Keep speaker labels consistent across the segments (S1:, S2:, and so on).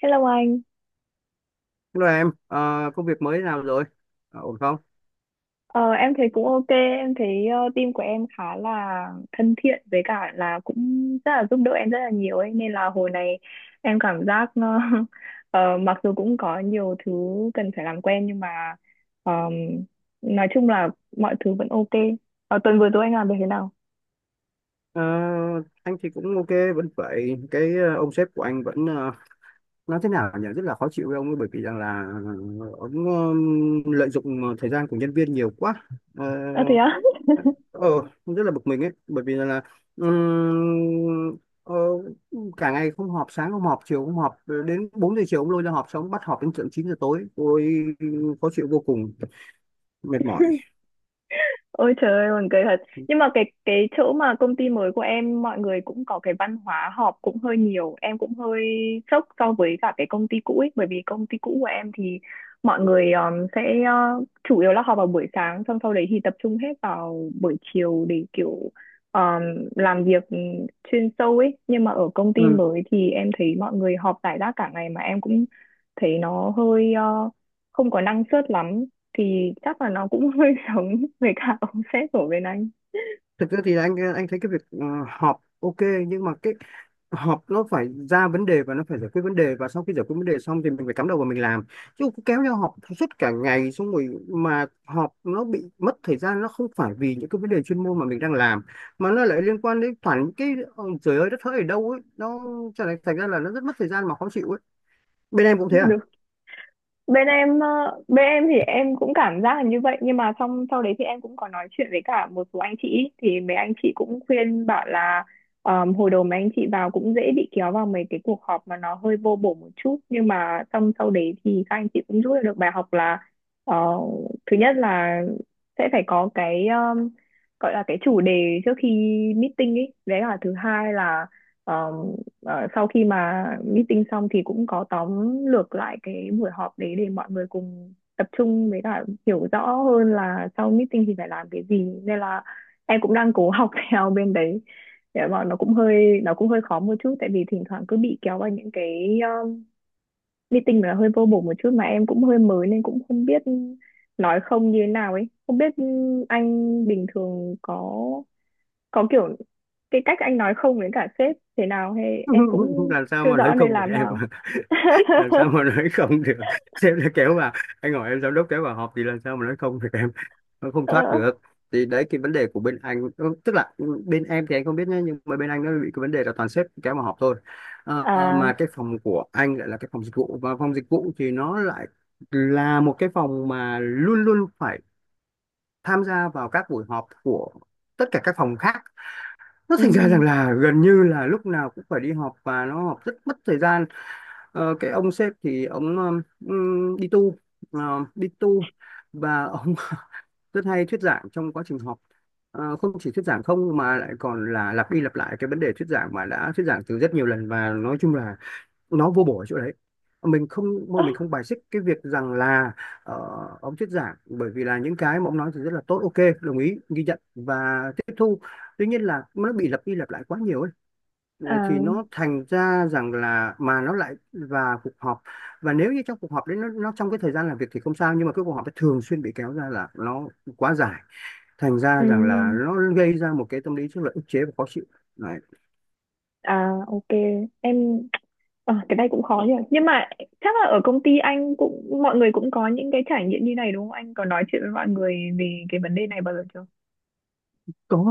S1: Hello anh,
S2: Hello em, công việc mới thế nào rồi? Ổn không?
S1: ờ, em thấy cũng ok. Em thấy team của em khá là thân thiện với cả là cũng rất là giúp đỡ em rất là nhiều ấy, nên là hồi này em cảm giác mặc dù cũng có nhiều thứ cần phải làm quen, nhưng mà ờm, nói chung là mọi thứ vẫn ok. Ờ, tuần vừa rồi anh làm được thế nào?
S2: Ờ, anh thì cũng ok, vẫn vậy. Cái ông sếp của anh vẫn nói thế nào nhỉ? Rất là khó chịu với ông ấy, bởi vì rằng là ông lợi dụng thời gian của nhân viên nhiều quá. Ờ,
S1: Ờ thế á?
S2: ờ, Rất là bực mình ấy, bởi vì là ừm, ờ, cả ngày không họp, sáng không họp, chiều không họp, đến 4 giờ chiều ông lôi ra họp, xong bắt họp đến tận 9 giờ tối. Tôi khó chịu vô cùng, mệt mỏi.
S1: Ôi trời ơi, buồn cười thật. Nhưng mà cái chỗ mà công ty mới của em mọi người cũng có cái văn hóa họp cũng hơi nhiều. Em cũng hơi sốc so với cả cái công ty cũ ấy, bởi vì công ty cũ của em thì mọi người sẽ chủ yếu là họp vào buổi sáng, xong sau đấy thì tập trung hết vào buổi chiều để kiểu um, làm việc chuyên sâu ấy. Nhưng mà ở công ty mới thì em thấy mọi người họp rải rác cả ngày, mà em cũng thấy nó hơi uh, không có năng suất lắm, thì chắc là nó cũng hơi giống với cả ông sếp của bên anh
S2: Thực ra thì anh thấy cái việc họp ok, nhưng mà cái họp nó phải ra vấn đề và nó phải giải quyết vấn đề, và sau khi giải quyết vấn đề xong thì mình phải cắm đầu vào mình làm, chứ cứ kéo nhau họp suốt cả ngày, xong rồi mà họp nó bị mất thời gian, nó không phải vì những cái vấn đề chuyên môn mà mình đang làm, mà nó lại liên quan đến toàn những cái trời ơi đất hỡi ở đâu ấy, nó trở thành thành ra là nó rất mất thời gian mà khó chịu ấy. Bên em cũng thế à?
S1: được. Bên em bên em thì em cũng cảm giác là như vậy, nhưng mà xong sau đấy thì em cũng có nói chuyện với cả một số anh chị, thì mấy anh chị cũng khuyên bảo là hồi đầu mấy anh chị vào cũng dễ bị kéo vào mấy cái cuộc họp mà nó hơi vô bổ một chút, nhưng mà xong sau đấy thì các anh chị cũng rút ra được bài học là ờ, thứ nhất là sẽ phải có cái gọi là cái chủ đề trước khi meeting ấy, đấy là thứ hai là ờ, sau khi mà meeting xong thì cũng có tóm lược lại cái buổi họp đấy để mọi người cùng tập trung với cả hiểu rõ hơn là sau meeting thì phải làm cái gì, nên là em cũng đang cố học theo bên đấy để mà nó cũng hơi, nó cũng hơi khó một chút, tại vì thỉnh thoảng cứ bị kéo vào những cái meeting mà hơi vô bổ một chút, mà em cũng hơi mới nên cũng không biết nói không như thế nào ấy, không biết anh bình thường có kiểu cái cách anh nói không với cả sếp thế nào, hay em cũng
S2: Làm sao
S1: chưa
S2: mà nói
S1: rõ nên
S2: không được
S1: làm
S2: em?
S1: nào.
S2: Làm sao mà nói không được? Sếp đã kéo vào, anh hỏi em, giám đốc kéo vào họp thì làm sao mà nói không được em? Nó không
S1: Ờ,
S2: thoát được. Thì đấy cái vấn đề của bên anh, tức là bên em thì anh không biết nhé, nhưng mà bên anh nó bị cái vấn đề là toàn sếp kéo vào họp thôi. Mà
S1: à,
S2: cái phòng của anh lại là cái phòng dịch vụ, và phòng dịch vụ thì nó lại là một cái phòng mà luôn luôn phải tham gia vào các buổi họp của tất cả các phòng khác. Nó
S1: ừ,
S2: thành ra rằng là gần như là lúc nào cũng phải đi họp, và nó họp rất mất thời gian. Cái ông sếp thì ông đi tu, và ông rất hay thuyết giảng trong quá trình học. Không chỉ thuyết giảng không, mà lại còn là lặp đi lặp lại cái vấn đề thuyết giảng mà đã thuyết giảng từ rất nhiều lần, và nói chung là nó vô bổ ở chỗ đấy. mình không mình không bài xích cái việc rằng là ờ, ông thuyết giảng, bởi vì là những cái mà ông nói thì rất là tốt, ok, đồng ý ghi nhận và tiếp thu. Tuy nhiên là nó bị lặp đi lặp lại quá nhiều ấy.
S1: à,
S2: Thì nó thành ra rằng là, mà nó lại và cuộc họp, và nếu như trong cuộc họp đấy nó trong cái thời gian làm việc thì không sao, nhưng mà cái cuộc họp ấy thường xuyên bị kéo ra là nó quá dài, thành ra
S1: ừ,
S2: rằng là nó gây ra một cái tâm lý rất là ức chế và khó chịu đấy.
S1: à, ok em. Cái này cũng khó nhỉ, nhưng mà chắc là ở công ty anh cũng mọi người cũng có những cái trải nghiệm như này đúng không? Anh có nói chuyện với mọi người về cái vấn đề này bao giờ chưa?
S2: Có,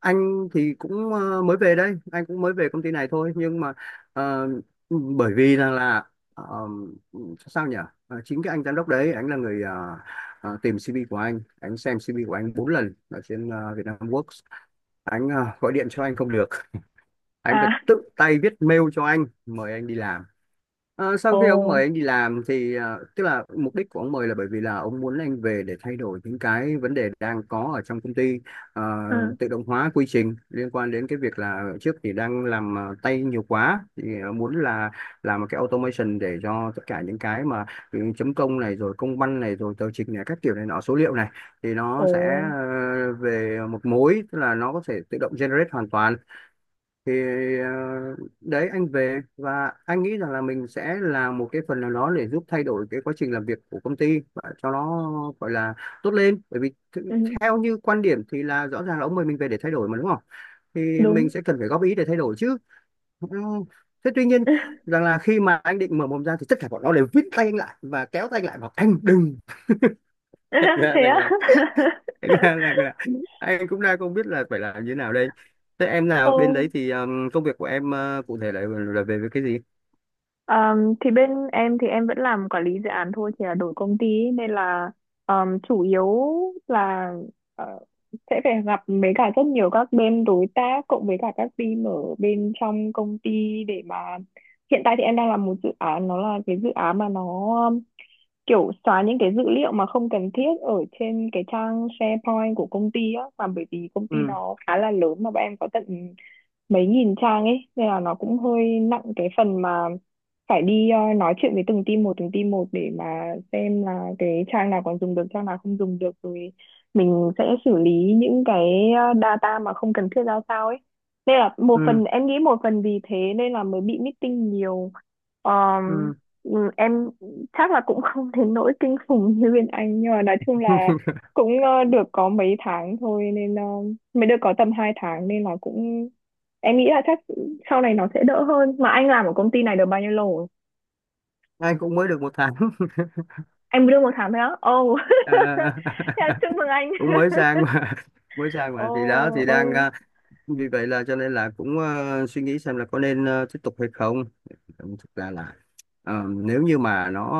S2: anh thì cũng mới về đây, anh cũng mới về công ty này thôi, nhưng mà ờ, bởi vì rằng là ờ, sao nhỉ? Chính cái anh giám đốc đấy, anh là người tìm CV của anh xem CV của anh 4 lần ở trên Vietnamworks. Anh, gọi điện cho anh không được, anh phải
S1: À,
S2: tự tay viết mail cho anh mời anh đi làm. Sau
S1: ồ,
S2: khi ông mời anh đi làm thì tức là mục đích của ông mời là bởi vì là ông muốn anh về để thay đổi những cái vấn đề đang có ở trong công ty. Ờ,
S1: à,
S2: Tự động hóa quy trình liên quan đến cái việc là trước thì đang làm tay nhiều quá, thì muốn là làm một cái automation để cho tất cả những cái mà chấm công này rồi công văn này rồi tờ trình này các kiểu này nọ số liệu này, thì nó
S1: ồ,
S2: sẽ về một mối, tức là nó có thể tự động generate hoàn toàn. Thì ờ, đấy anh về, và anh nghĩ rằng là mình sẽ làm một cái phần nào đó để giúp thay đổi cái quá trình làm việc của công ty và cho nó, gọi là, tốt lên. Bởi vì
S1: ừ,
S2: theo như quan điểm thì là rõ ràng là ông mời mình về để thay đổi mà đúng không? Thì
S1: đúng.
S2: mình sẽ cần phải góp ý để thay đổi chứ. Ừ. Thế tuy nhiên rằng là khi mà anh định mở mồm ra thì tất cả bọn nó đều vít tay anh lại và kéo tay anh lại bảo anh đừng. Thành ra
S1: Thế
S2: rằng
S1: á.
S2: là, thành ra là anh cũng đang không biết là phải làm như thế nào đây. Thế em nào bên
S1: Ồ.
S2: đấy thì công việc của em, cụ thể là về, cái gì?
S1: Thì bên em thì em vẫn làm quản lý dự án thôi, chỉ là đổi công ty ấy, nên là chủ yếu là ờ, sẽ phải gặp với cả rất nhiều các bên đối tác, cộng với cả các team ở bên trong công ty để mà hiện tại thì em đang làm một dự án, nó là cái dự án mà nó um, kiểu xóa những cái dữ liệu mà không cần thiết ở trên cái trang SharePoint của công ty á. Mà bởi vì công ty
S2: Ừ,
S1: nó khá là lớn, mà bọn em có tận mấy nghìn trang ấy, nên là nó cũng hơi nặng cái phần mà phải đi nói chuyện với từng team một để mà xem là cái trang nào còn dùng được, trang nào không dùng được, rồi mình sẽ xử lý những cái data mà không cần thiết ra sao ấy, nên là một
S2: ừ,
S1: phần em nghĩ một phần vì thế nên là mới bị meeting nhiều. Ờm,
S2: ừ.
S1: ừ, em chắc là cũng không đến nỗi kinh khủng như bên anh, nhưng mà nói chung là cũng được có mấy tháng thôi nên mới được có tầm 2 tháng, nên là cũng em nghĩ là chắc sau này nó sẽ đỡ hơn. Mà anh làm ở công ty này được bao nhiêu lâu rồi?
S2: Anh cũng mới được một tháng.
S1: Anh mới được một tháng thôi á? Ồ.
S2: Ờ,
S1: Thế là chúc mừng anh.
S2: Cũng mới sang mà,
S1: Ồ,
S2: thì đó thì đang.
S1: ồ,
S2: Vì vậy là cho nên là cũng suy nghĩ xem là có nên tiếp tục hay không. Thực ra là nếu như mà nó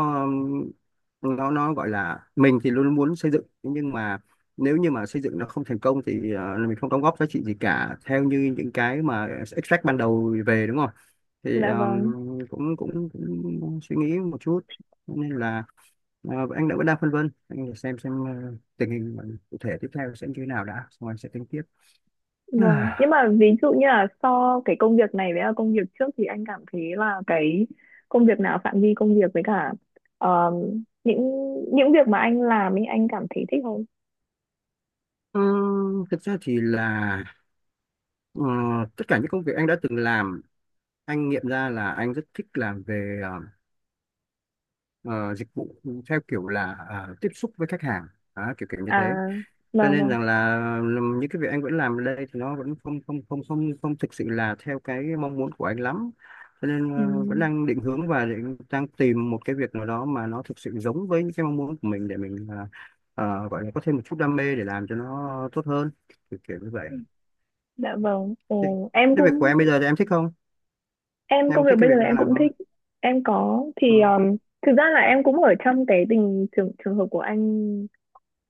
S2: nó nó gọi là mình thì luôn muốn xây dựng, nhưng mà nếu như mà xây dựng nó không thành công thì mình không đóng góp giá trị gì cả theo như những cái mà extract ban đầu về, đúng không? Thì
S1: dạ vâng,
S2: cũng, cũng cũng suy nghĩ một chút. Cho nên là anh đã vẫn đang phân vân, anh xem tình hình cụ thể tiếp theo sẽ như thế nào đã, xong anh sẽ tính tiếp.
S1: vâng. Nhưng mà ví dụ như là so cái công việc này với là công việc trước thì anh cảm thấy là cái công việc nào, phạm vi công việc với cả ờ, những những việc mà anh làm ấy, anh cảm thấy thích hơn?
S2: Ờ, Thực ra thì là ờ, tất cả những công việc anh đã từng làm, anh nghiệm ra là anh rất thích làm về ờ, dịch vụ, theo kiểu là tiếp xúc với khách hàng. Đó, kiểu kiểu như thế.
S1: À,
S2: Cho
S1: vâng
S2: nên
S1: vâng.
S2: rằng là những cái việc anh vẫn làm ở đây thì nó vẫn không không không không không thực sự là theo cái mong muốn của anh lắm. Cho nên
S1: Ừ.
S2: vẫn đang định hướng và đang tìm một cái việc nào đó mà nó thực sự giống với những cái mong muốn của mình, để mình gọi là có thêm một chút đam mê để làm cho nó tốt hơn, kiểu kiểu như vậy.
S1: Dạ vâng.
S2: Thế,
S1: Ồ, em
S2: thế, việc của em
S1: cũng
S2: bây giờ thì em thích không?
S1: em
S2: Em có
S1: công việc
S2: thích cái
S1: bây giờ
S2: việc đang
S1: em
S2: làm
S1: cũng
S2: không?
S1: thích. Em có,
S2: Ừ.
S1: thì thực ra là em cũng ở trong cái tình trường trường hợp của anh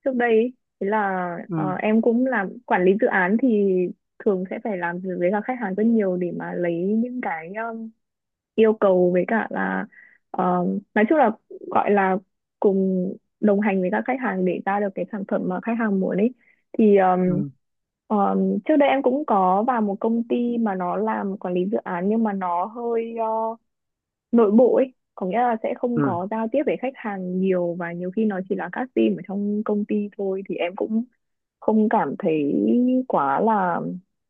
S1: trước đây ấy. Thế là
S2: Ừ.
S1: em cũng làm quản lý dự án thì thường sẽ phải làm việc với cả khách hàng rất nhiều để mà lấy những cái yêu cầu với cả là nói chung là gọi là cùng đồng hành với các khách hàng để ra được cái sản phẩm mà khách hàng muốn ấy, thì
S2: Ừ.
S1: trước đây em cũng có vào một công ty mà nó làm quản lý dự án, nhưng mà nó hơi nội bộ ấy, có nghĩa là sẽ không
S2: Ừ.
S1: có giao tiếp với khách hàng nhiều, và nhiều khi nó chỉ là các team ở trong công ty thôi, thì em cũng không cảm thấy quá là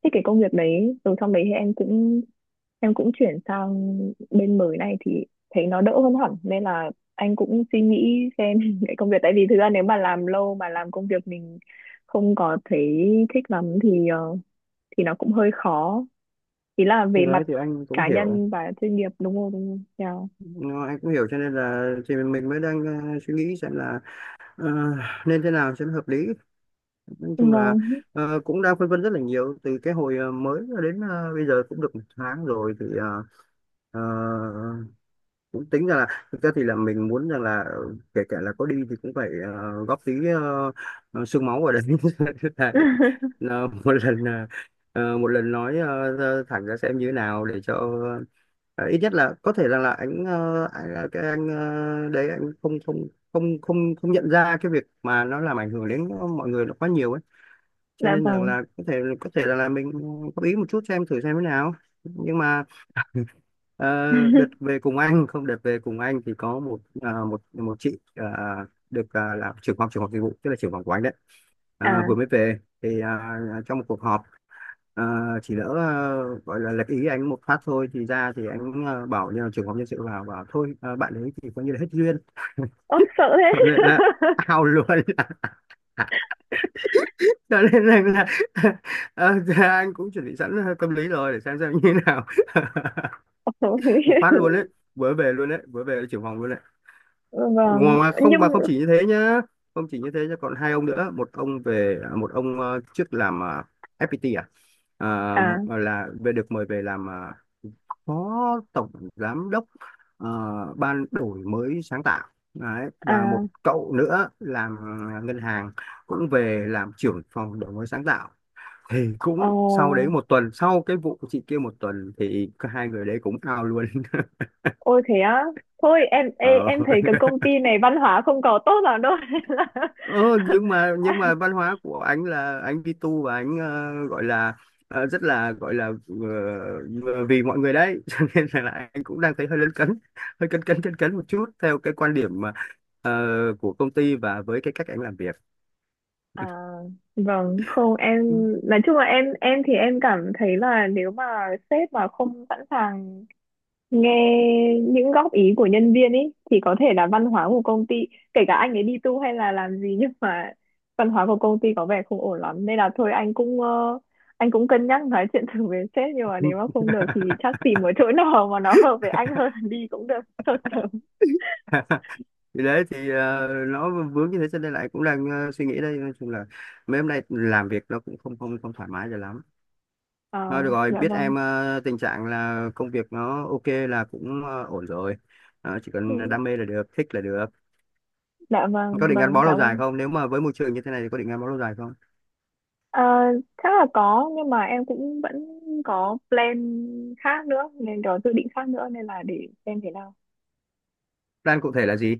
S1: thích cái công việc đấy. Rồi trong đấy thì em cũng chuyển sang bên mới này thì thấy nó đỡ hơn hẳn, nên là anh cũng suy nghĩ xem cái công việc, tại vì thực ra nếu mà làm lâu mà làm công việc mình không có thấy thích lắm thì thì nó cũng hơi khó, ý là
S2: Thì
S1: về mặt
S2: đấy thì anh cũng
S1: cá
S2: hiểu.
S1: nhân và chuyên nghiệp, đúng không, đúng không? Yeah.
S2: Nó, anh cũng hiểu, cho nên là thì mình mới đang suy nghĩ xem là ờ, nên thế nào cho nó hợp lý. Nói chung là
S1: Vâng.
S2: cũng đang phân vân rất là nhiều từ cái hồi mới đến, bây giờ cũng được một tháng rồi, thì ờ, cũng tính ra là thực ra thì là mình muốn rằng là kể cả là có đi thì cũng phải góp tí xương máu vào đấy. Là để một lần, một lần nói thẳng ra xem như thế nào, để cho ờ, ít nhất là có thể rằng là anh, đấy, anh không không không không không nhận ra cái việc mà nó làm ảnh hưởng đến mọi người nó quá nhiều ấy, cho
S1: Dạ
S2: nên rằng
S1: vâng.
S2: là có thể rằng là mình góp ý một chút, xem thử xem thế nào, nhưng mà. Ờ, đợt về cùng anh không Đợt về cùng anh thì có một chị, là trưởng phòng dịch vụ, tức là trưởng phòng của anh đấy,
S1: À,
S2: vừa mới về thì, trong một cuộc họp, à, chỉ lỡ, gọi là lệch ý anh một phát thôi, thì ra thì anh, bảo như là trưởng phòng nhân sự vào bảo thôi, bạn ấy thì coi như là hết duyên.
S1: ố sợ thế.
S2: Cho nên là ao luôn. Cho nên là, anh cũng chuẩn bị sẵn tâm lý rồi để xem như thế nào. Một phát
S1: Ôi.
S2: luôn đấy, vớ về luôn đấy, vớ về là trưởng phòng luôn đấy.
S1: Vâng, nhưng
S2: Mà không chỉ như thế nhá, không chỉ như thế nhá còn hai ông nữa. Một ông về, một ông trước làm FPT, Ờ,
S1: à,
S2: là về được mời về làm phó tổng giám đốc, ờ, ban đổi mới sáng tạo đấy. Và một
S1: à,
S2: cậu nữa làm ngân hàng cũng về làm trưởng phòng đổi mới sáng tạo. Thì cũng sau đấy
S1: ồ,
S2: một tuần, sau cái vụ chị kia một tuần, thì cả hai người đấy cũng out luôn.
S1: ôi thế á. Thôi em ê,
S2: ờ
S1: em thấy cái công ty này văn hóa không có tốt lắm đâu. Nên là-
S2: Ờ, nhưng mà văn hóa của anh là anh đi tu, và anh gọi là, rất là, gọi là, ờ, vì mọi người đấy. Cho nên là anh cũng đang thấy hơi lấn cấn, hơi cấn cấn cấn cấn một chút, theo cái quan điểm mà, ờ, của công ty và với cái cách anh làm việc.
S1: À, vâng, không em
S2: Ừ.
S1: nói chung là em thì em cảm thấy là nếu mà sếp mà không sẵn sàng nghe những góp ý của nhân viên ấy, thì có thể là văn hóa của công ty, kể cả anh ấy đi tu hay là làm gì, nhưng mà văn hóa của công ty có vẻ không ổn lắm, nên là thôi anh cũng anh cũng cân nhắc nói chuyện thử với sếp, nhưng mà nếu mà không được thì chắc tìm một chỗ nào mà nó hợp với anh hơn là đi cũng được sốt sớm.
S2: Thì đấy thì nó vướng như thế, cho nên là anh cũng đang suy nghĩ đây. Nói chung là mấy hôm nay làm việc nó cũng không không không thoải mái cho lắm.
S1: Ờ,
S2: Thôi được rồi,
S1: dạ
S2: biết
S1: vâng.
S2: em tình trạng là công việc nó ok là cũng ổn rồi. Chỉ cần
S1: Ừ,
S2: đam mê là được, thích là được.
S1: dạ vâng,
S2: Có định gắn
S1: vâng
S2: bó lâu
S1: cảm
S2: dài
S1: ơn.
S2: không? Nếu mà với môi trường như thế này thì có định gắn bó lâu dài không?
S1: Ờ, chắc là có, nhưng mà em cũng vẫn có plan khác nữa, nên có dự định khác nữa, nên là để xem thế nào.
S2: Plan cụ thể là gì?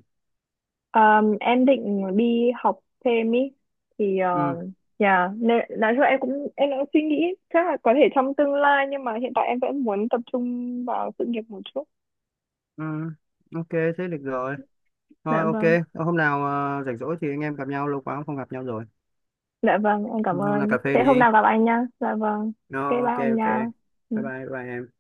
S1: Em định đi học thêm ý, thì
S2: Ừ,
S1: nhà, nên nói chung là em cũng suy nghĩ chắc là có thể trong tương lai, nhưng mà hiện tại em vẫn muốn tập trung vào sự nghiệp một chút.
S2: ừ, ok, thế được rồi. Thôi
S1: Dạ
S2: ok,
S1: vâng,
S2: hôm nào rảnh rỗi thì anh em gặp nhau, lâu quá cũng không gặp nhau rồi.
S1: dạ vâng, em cảm
S2: Hôm nào
S1: ơn.
S2: cà phê
S1: Thế hôm
S2: đi.
S1: nào gặp anh nha. Dạ vâng, cái
S2: Nó
S1: bye
S2: ok
S1: anh
S2: ok.
S1: nha.
S2: Bye bye,
S1: Ừ.
S2: bye bye em.